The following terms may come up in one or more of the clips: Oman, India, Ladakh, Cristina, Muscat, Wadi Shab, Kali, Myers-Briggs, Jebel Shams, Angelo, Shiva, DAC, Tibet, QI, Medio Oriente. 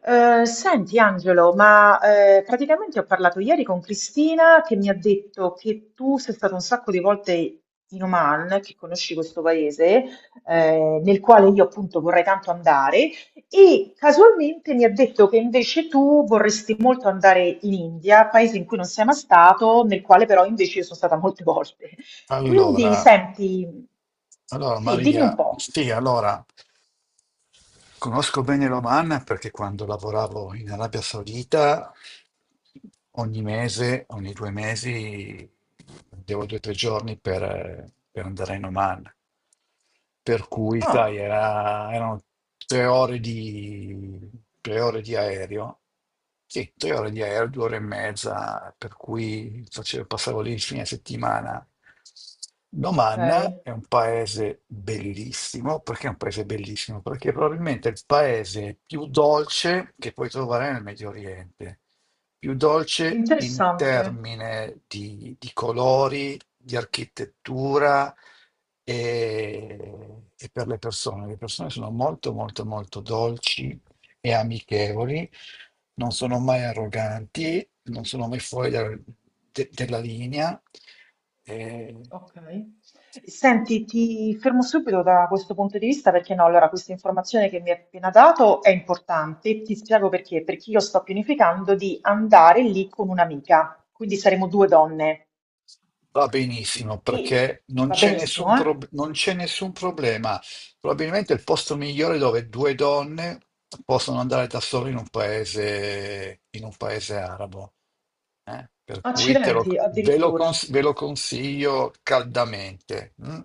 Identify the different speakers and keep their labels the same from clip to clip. Speaker 1: Senti Angelo, ma praticamente ho parlato ieri con Cristina che mi ha detto che tu sei stato un sacco di volte in Oman, che conosci questo paese, nel quale io appunto vorrei tanto andare, e casualmente mi ha detto che invece tu vorresti molto andare in India, paese in cui non sei mai stato, nel quale però invece io sono stata molte volte. Quindi
Speaker 2: Allora,
Speaker 1: senti,
Speaker 2: allora
Speaker 1: sì, dimmi un
Speaker 2: Maria,
Speaker 1: po'.
Speaker 2: sì, allora conosco bene l'Oman perché quando lavoravo in Arabia Saudita ogni mese, ogni due mesi, devo 2 o 3 giorni per andare in Oman. Per cui, sai,
Speaker 1: Ah,
Speaker 2: erano tre ore di, tre ore di aereo. Sì, 3 ore di aereo, 2 ore e mezza, per cui facevo, passavo lì il fine settimana.
Speaker 1: ok,
Speaker 2: L'Oman è un paese bellissimo. Perché è un paese bellissimo? Perché è probabilmente il paese più dolce che puoi trovare nel Medio Oriente, più dolce in
Speaker 1: interessante.
Speaker 2: termini di colori, di architettura e per le persone. Le persone sono molto, molto, molto dolci e amichevoli, non sono mai arroganti, non sono mai fuori della linea. eh,
Speaker 1: Ok. Senti, ti fermo subito da questo punto di vista perché no, allora questa informazione che mi hai appena dato è importante e ti spiego perché, perché io sto pianificando di andare lì con un'amica, quindi saremo due donne
Speaker 2: Va benissimo
Speaker 1: e
Speaker 2: perché non
Speaker 1: va
Speaker 2: c'è nessun,
Speaker 1: benissimo, eh?
Speaker 2: prob- non c'è nessun problema. Probabilmente è il posto migliore dove due donne possono andare da sole in un paese arabo. Per cui te
Speaker 1: Accidenti,
Speaker 2: lo- ve lo,
Speaker 1: addirittura.
Speaker 2: cons- ve lo consiglio caldamente. Mm.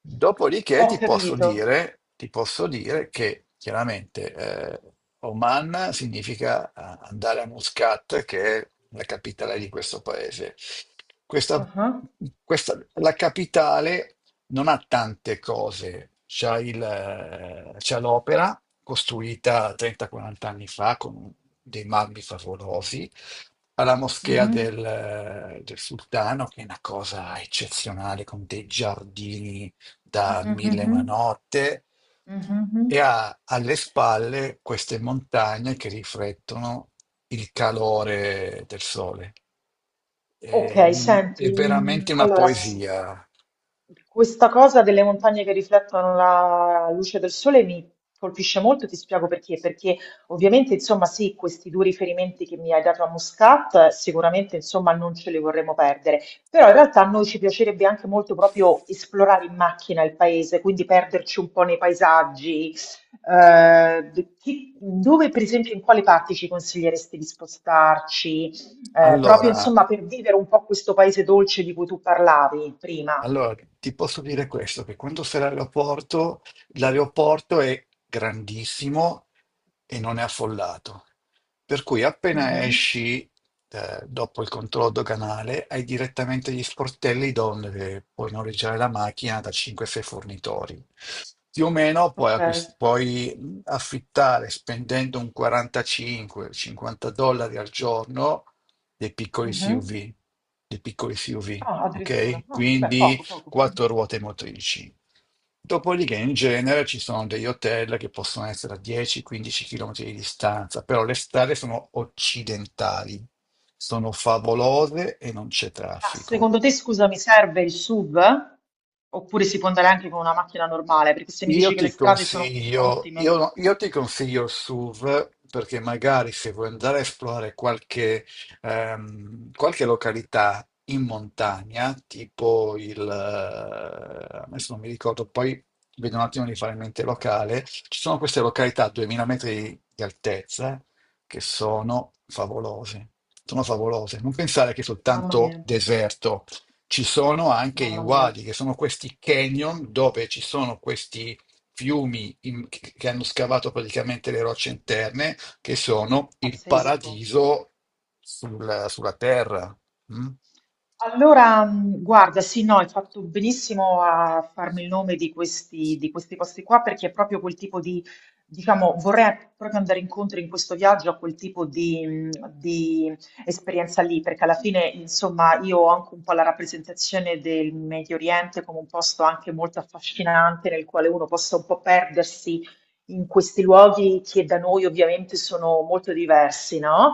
Speaker 2: Dopodiché
Speaker 1: Ho
Speaker 2: ti posso
Speaker 1: capito.
Speaker 2: dire, ti posso dire che chiaramente Oman significa andare a Muscat, che è la capitale di questo paese. Questa,
Speaker 1: Ah,
Speaker 2: la capitale non ha tante cose. C'ha l'opera costruita 30-40 anni fa con dei marmi favolosi alla moschea
Speaker 1: mhm,
Speaker 2: del sultano, che è una cosa eccezionale, con dei giardini da
Speaker 1: mhm,
Speaker 2: mille e una
Speaker 1: mhm,
Speaker 2: notte,
Speaker 1: mhm, mhm.
Speaker 2: e
Speaker 1: Mhm.
Speaker 2: ha alle spalle queste montagne che riflettono il calore del sole. È,
Speaker 1: Ok,
Speaker 2: un- è
Speaker 1: senti, mm,
Speaker 2: veramente una
Speaker 1: allora sì,
Speaker 2: poesia.
Speaker 1: questa cosa delle montagne che riflettono la luce del sole mi colpisce molto e ti spiego perché, perché ovviamente insomma sì, questi due riferimenti che mi hai dato a Muscat sicuramente insomma non ce li vorremmo perdere, però in realtà a noi ci piacerebbe anche molto proprio esplorare in macchina il paese, quindi perderci un po' nei paesaggi, chi- dove per esempio in quali parti ci consiglieresti di spostarci? Proprio
Speaker 2: Allora,
Speaker 1: insomma per vivere un po' questo paese dolce di cui tu parlavi prima.
Speaker 2: Allora, ti posso dire questo, che quando sei all'aeroporto, l'aeroporto è grandissimo e non è affollato. Per cui appena
Speaker 1: Mhm.
Speaker 2: esci, dopo il controllo doganale, hai direttamente gli sportelli dove puoi noleggiare la macchina da 5-6 fornitori. Più o meno
Speaker 1: Ok.
Speaker 2: puoi affittare spendendo un 45-50 dollari al giorno dei piccoli
Speaker 1: Mhm.
Speaker 2: SUV, dei piccoli SUV,
Speaker 1: Ah, addirittura.
Speaker 2: ok?
Speaker 1: Ah, beh,
Speaker 2: Quindi
Speaker 1: poco, poco.
Speaker 2: quattro ruote motrici. Dopodiché in genere ci sono degli hotel che possono essere a 10-15 km di distanza, però le strade sono occidentali, sono favolose e non c'è
Speaker 1: Ma
Speaker 2: traffico.
Speaker 1: secondo te, scusa, mi serve il SUV? Oppure si può andare anche con una macchina normale? Perché se mi
Speaker 2: Io
Speaker 1: dici che le
Speaker 2: ti
Speaker 1: strade sono
Speaker 2: consiglio,
Speaker 1: ottime,
Speaker 2: io, no- io ti consiglio il SUV perché magari se vuoi andare a esplorare qualche località in montagna, tipo adesso non mi ricordo, poi vedo un attimo di fare in mente il locale. Ci sono queste località a 2000 metri di altezza che sono favolose, sono favolose. Non pensare che è
Speaker 1: mamma
Speaker 2: soltanto
Speaker 1: mia,
Speaker 2: deserto. Ci sono anche i
Speaker 1: mamma mia,
Speaker 2: wadi, che sono questi canyon dove ci sono questi fiumi che hanno scavato praticamente le rocce interne, che sono il
Speaker 1: pazzesco.
Speaker 2: paradiso sulla terra. Mm?
Speaker 1: Allora, guarda, sì, no, hai fatto benissimo a farmi il nome di questi posti qua perché è proprio quel tipo di, diciamo, vorrei proprio andare incontro in questo viaggio a quel tipo di esperienza lì, perché alla fine, insomma, io ho anche un po' la rappresentazione del Medio Oriente come un posto anche molto affascinante nel quale uno possa un po' perdersi in questi luoghi che da noi ovviamente sono molto diversi, no?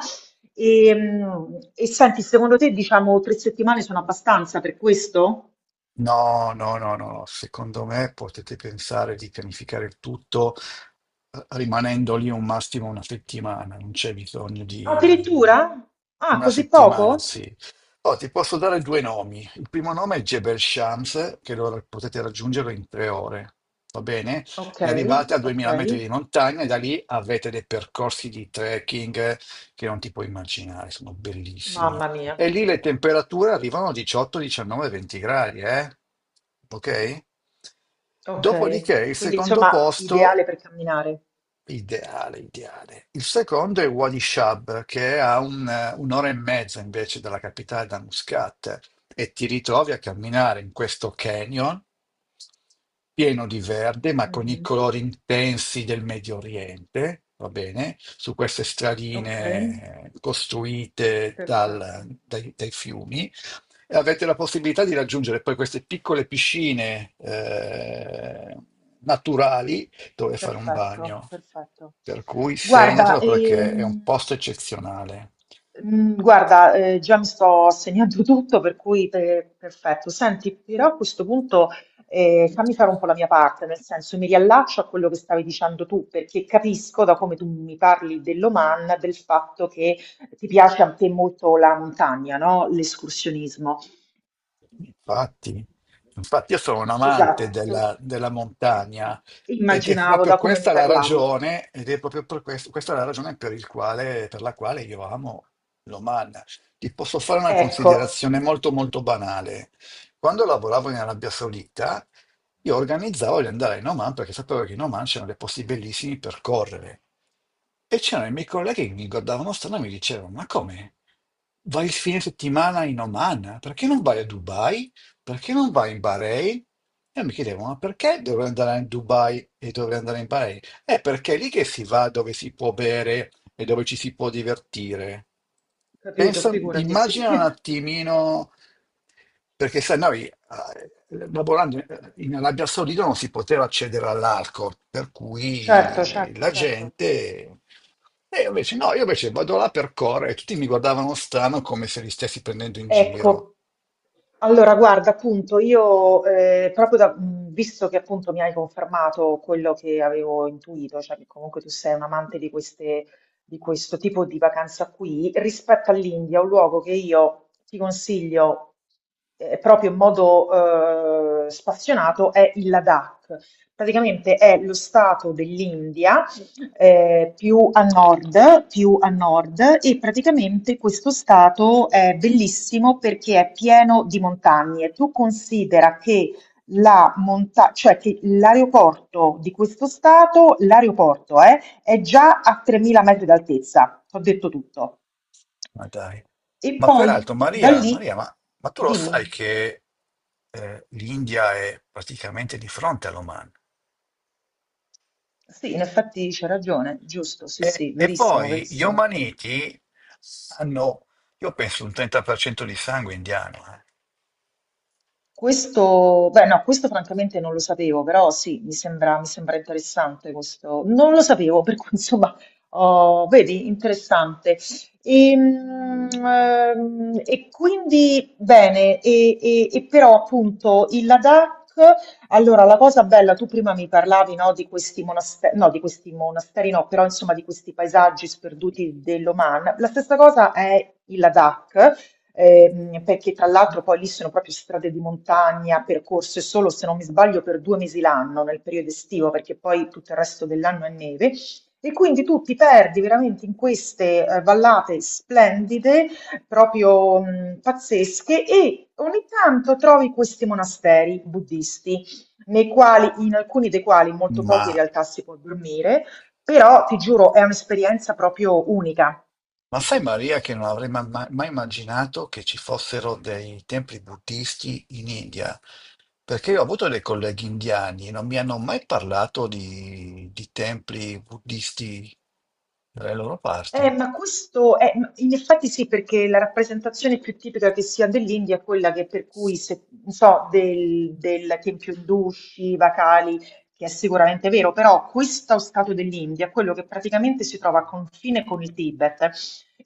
Speaker 1: E, mm, e senti, secondo te, diciamo, 3 settimane sono abbastanza per questo?
Speaker 2: No, no, no, no, no. Secondo me potete pensare di pianificare il tutto rimanendo lì un massimo una settimana, non c'è bisogno di
Speaker 1: Addirittura? Ah,
Speaker 2: una
Speaker 1: così
Speaker 2: settimana,
Speaker 1: poco?
Speaker 2: sì. Oh, ti posso dare due nomi. Il primo nome è Jebel Shams, che potete raggiungere in 3 ore, va bene?
Speaker 1: Ok,
Speaker 2: E arrivate a
Speaker 1: ok.
Speaker 2: 2000 metri di montagna e da lì avete dei percorsi di trekking che non ti puoi immaginare, sono bellissimi.
Speaker 1: Mamma mia.
Speaker 2: E lì le temperature arrivano a 18, 19, 20 gradi, eh? Ok?
Speaker 1: Ok.
Speaker 2: Dopodiché il
Speaker 1: Quindi,
Speaker 2: secondo
Speaker 1: insomma,
Speaker 2: posto
Speaker 1: ideale per camminare.
Speaker 2: Ideale, ideale. Il secondo è Wadi Shab, che è a un'ora e mezza invece dalla capitale, da Muscat, e ti ritrovi a camminare in questo canyon pieno di verde, ma con i
Speaker 1: Mhm.
Speaker 2: colori intensi del Medio Oriente, va bene? Su queste
Speaker 1: Ok,
Speaker 2: stradine costruite dal-
Speaker 1: perfetto,
Speaker 2: dai, dai fiumi. E avete la possibilità di raggiungere poi queste piccole piscine naturali dove fare un
Speaker 1: perfetto,
Speaker 2: bagno.
Speaker 1: perfetto.
Speaker 2: Per cui
Speaker 1: Guarda,
Speaker 2: segnatelo perché è un posto eccezionale.
Speaker 1: mhmm, guarda, già mi sto segnando tutto per cui pe perfetto. Senti, però a questo punto, fammi fare un po' la mia parte, nel senso mi riallaccio a quello che stavi dicendo tu, perché capisco da come tu mi parli dell'Oman, del fatto che ti piace a te molto la montagna, no, l'escursionismo.
Speaker 2: Infatti, infatti, io sono un amante
Speaker 1: Esatto.
Speaker 2: della montagna
Speaker 1: Ecco,
Speaker 2: ed è
Speaker 1: immaginavo
Speaker 2: proprio
Speaker 1: da come mi
Speaker 2: questa la
Speaker 1: parlavi.
Speaker 2: ragione, ed è proprio per questo, questa è la ragione per il quale, per la quale io amo l'Oman. Ti posso fare una
Speaker 1: Ecco,
Speaker 2: considerazione molto molto banale. Quando lavoravo in Arabia Saudita, io organizzavo di andare in Oman perché sapevo che in Oman c'erano dei posti bellissimi per correre. E c'erano i miei colleghi che mi guardavano strano e mi dicevano: Ma come? Vai il fine settimana in Oman? Perché non vai a Dubai? Perché non vai in Bahrain? E mi chiedevo: Ma perché dovrei andare in Dubai e dovrei andare in Bahrain? È perché è lì che si va dove si può bere e dove ci si può divertire.
Speaker 1: capito,
Speaker 2: Pensa,
Speaker 1: figurati, sì.
Speaker 2: immagina un attimino perché sai, noi lavorando in Arabia Saudita non si poteva accedere all'arco, per
Speaker 1: Certo,
Speaker 2: cui
Speaker 1: certo,
Speaker 2: la
Speaker 1: certo.
Speaker 2: gente... E io invece no, io invece vado là per correre e tutti mi guardavano strano come se li stessi prendendo in giro.
Speaker 1: Ecco, allora guarda, appunto, io proprio da, visto che appunto mi hai confermato quello che avevo intuito, cioè che comunque tu sei un amante di queste, di questo tipo di vacanza qui, rispetto all'India, un luogo che io ti consiglio proprio in modo spassionato è il Ladakh. Praticamente è lo stato dell'India più a nord e praticamente questo stato è bellissimo perché è pieno di montagne. Tu considera che cioè che l'aeroporto di questo stato, l'aeroporto è già a 3000 metri d'altezza, ho detto tutto.
Speaker 2: Ma dai.
Speaker 1: E
Speaker 2: Ma
Speaker 1: poi
Speaker 2: peraltro,
Speaker 1: da
Speaker 2: Maria,
Speaker 1: lì,
Speaker 2: Maria, ma, ma tu lo
Speaker 1: dimmi,
Speaker 2: sai che l'India è praticamente di fronte all'Oman?
Speaker 1: sì, in effetti c'è ragione, giusto, sì,
Speaker 2: E,
Speaker 1: sì,
Speaker 2: e
Speaker 1: verissimo,
Speaker 2: poi gli
Speaker 1: verissimo.
Speaker 2: omaniti hanno, io penso, un 30% di sangue indiano, eh.
Speaker 1: Questo, beh, no, questo francamente non lo sapevo, però sì, mi sembra interessante questo. Non lo sapevo, per cui insomma, oh, vedi, interessante. E, mm, e quindi, bene, e però appunto il Ladakh, allora la cosa bella, tu prima mi parlavi, no, di questi monasteri, no, di questi monasteri no, però insomma di questi paesaggi sperduti dell'Oman. La stessa cosa è il Ladakh perché tra l'altro poi lì sono proprio strade di montagna, percorse solo se non mi sbaglio per 2 mesi l'anno nel periodo estivo, perché poi tutto il resto dell'anno è neve. E quindi tu ti perdi veramente in queste vallate splendide, proprio pazzesche, e ogni tanto trovi questi monasteri buddisti, nei quali, in alcuni dei quali, molto
Speaker 2: Ma
Speaker 1: pochi in realtà si può dormire, però ti giuro, è un'esperienza proprio unica.
Speaker 2: Ma sai, Maria, che non avrei mai immaginato che ci fossero dei templi buddisti in India, perché io ho avuto dei colleghi indiani e non mi hanno mai parlato di templi buddisti dalle loro parti.
Speaker 1: Ma questo è, ma in effetti sì, perché la rappresentazione più tipica che si ha dell'India è quella che per cui, se, non so, del tempio indù, Shiva, Kali, che è sicuramente vero, però questo stato dell'India è quello che praticamente si trova a confine con il Tibet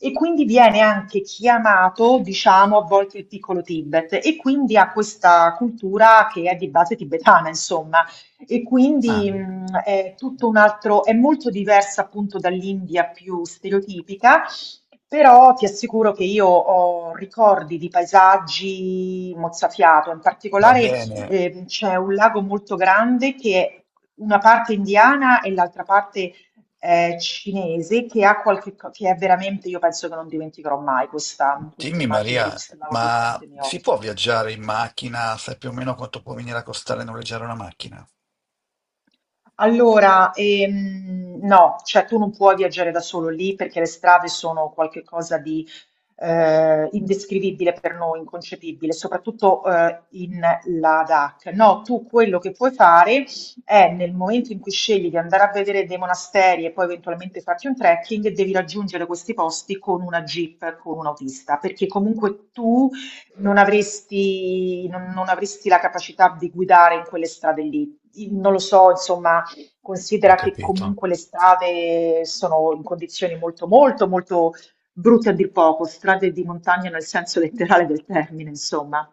Speaker 1: e quindi viene anche chiamato, diciamo, a volte il piccolo Tibet e quindi ha questa cultura che è di base tibetana, insomma. E
Speaker 2: Ah,
Speaker 1: quindi è tutto un altro, è molto diversa appunto dall'India più stereotipica, però ti assicuro che io ho ricordi di paesaggi mozzafiato, in
Speaker 2: va
Speaker 1: particolare
Speaker 2: bene,
Speaker 1: c'è un lago molto grande che è una parte indiana e l'altra parte cinese che ha che è veramente, io penso che non dimenticherò mai questa, questa
Speaker 2: dimmi
Speaker 1: immagine di
Speaker 2: Maria,
Speaker 1: questo lago di fronte
Speaker 2: ma
Speaker 1: ai miei
Speaker 2: si
Speaker 1: occhi.
Speaker 2: può viaggiare in macchina? Sai più o meno quanto può venire a costare noleggiare una macchina?
Speaker 1: Allora, no, cioè tu non puoi viaggiare da solo lì perché le strade sono qualcosa di indescrivibile per noi, inconcepibile, soprattutto in la DAC. No, tu quello che puoi fare è nel momento in cui scegli di andare a vedere dei monasteri e poi eventualmente farti un trekking, devi raggiungere questi posti con una jeep, con un autista, perché comunque tu non avresti, non, non avresti la capacità di guidare in quelle strade lì. Non lo so, insomma.
Speaker 2: Ho
Speaker 1: Considera che
Speaker 2: capito.
Speaker 1: comunque le strade sono in condizioni molto, molto, molto brutte a dir poco, strade di montagna nel senso letterale del termine, insomma.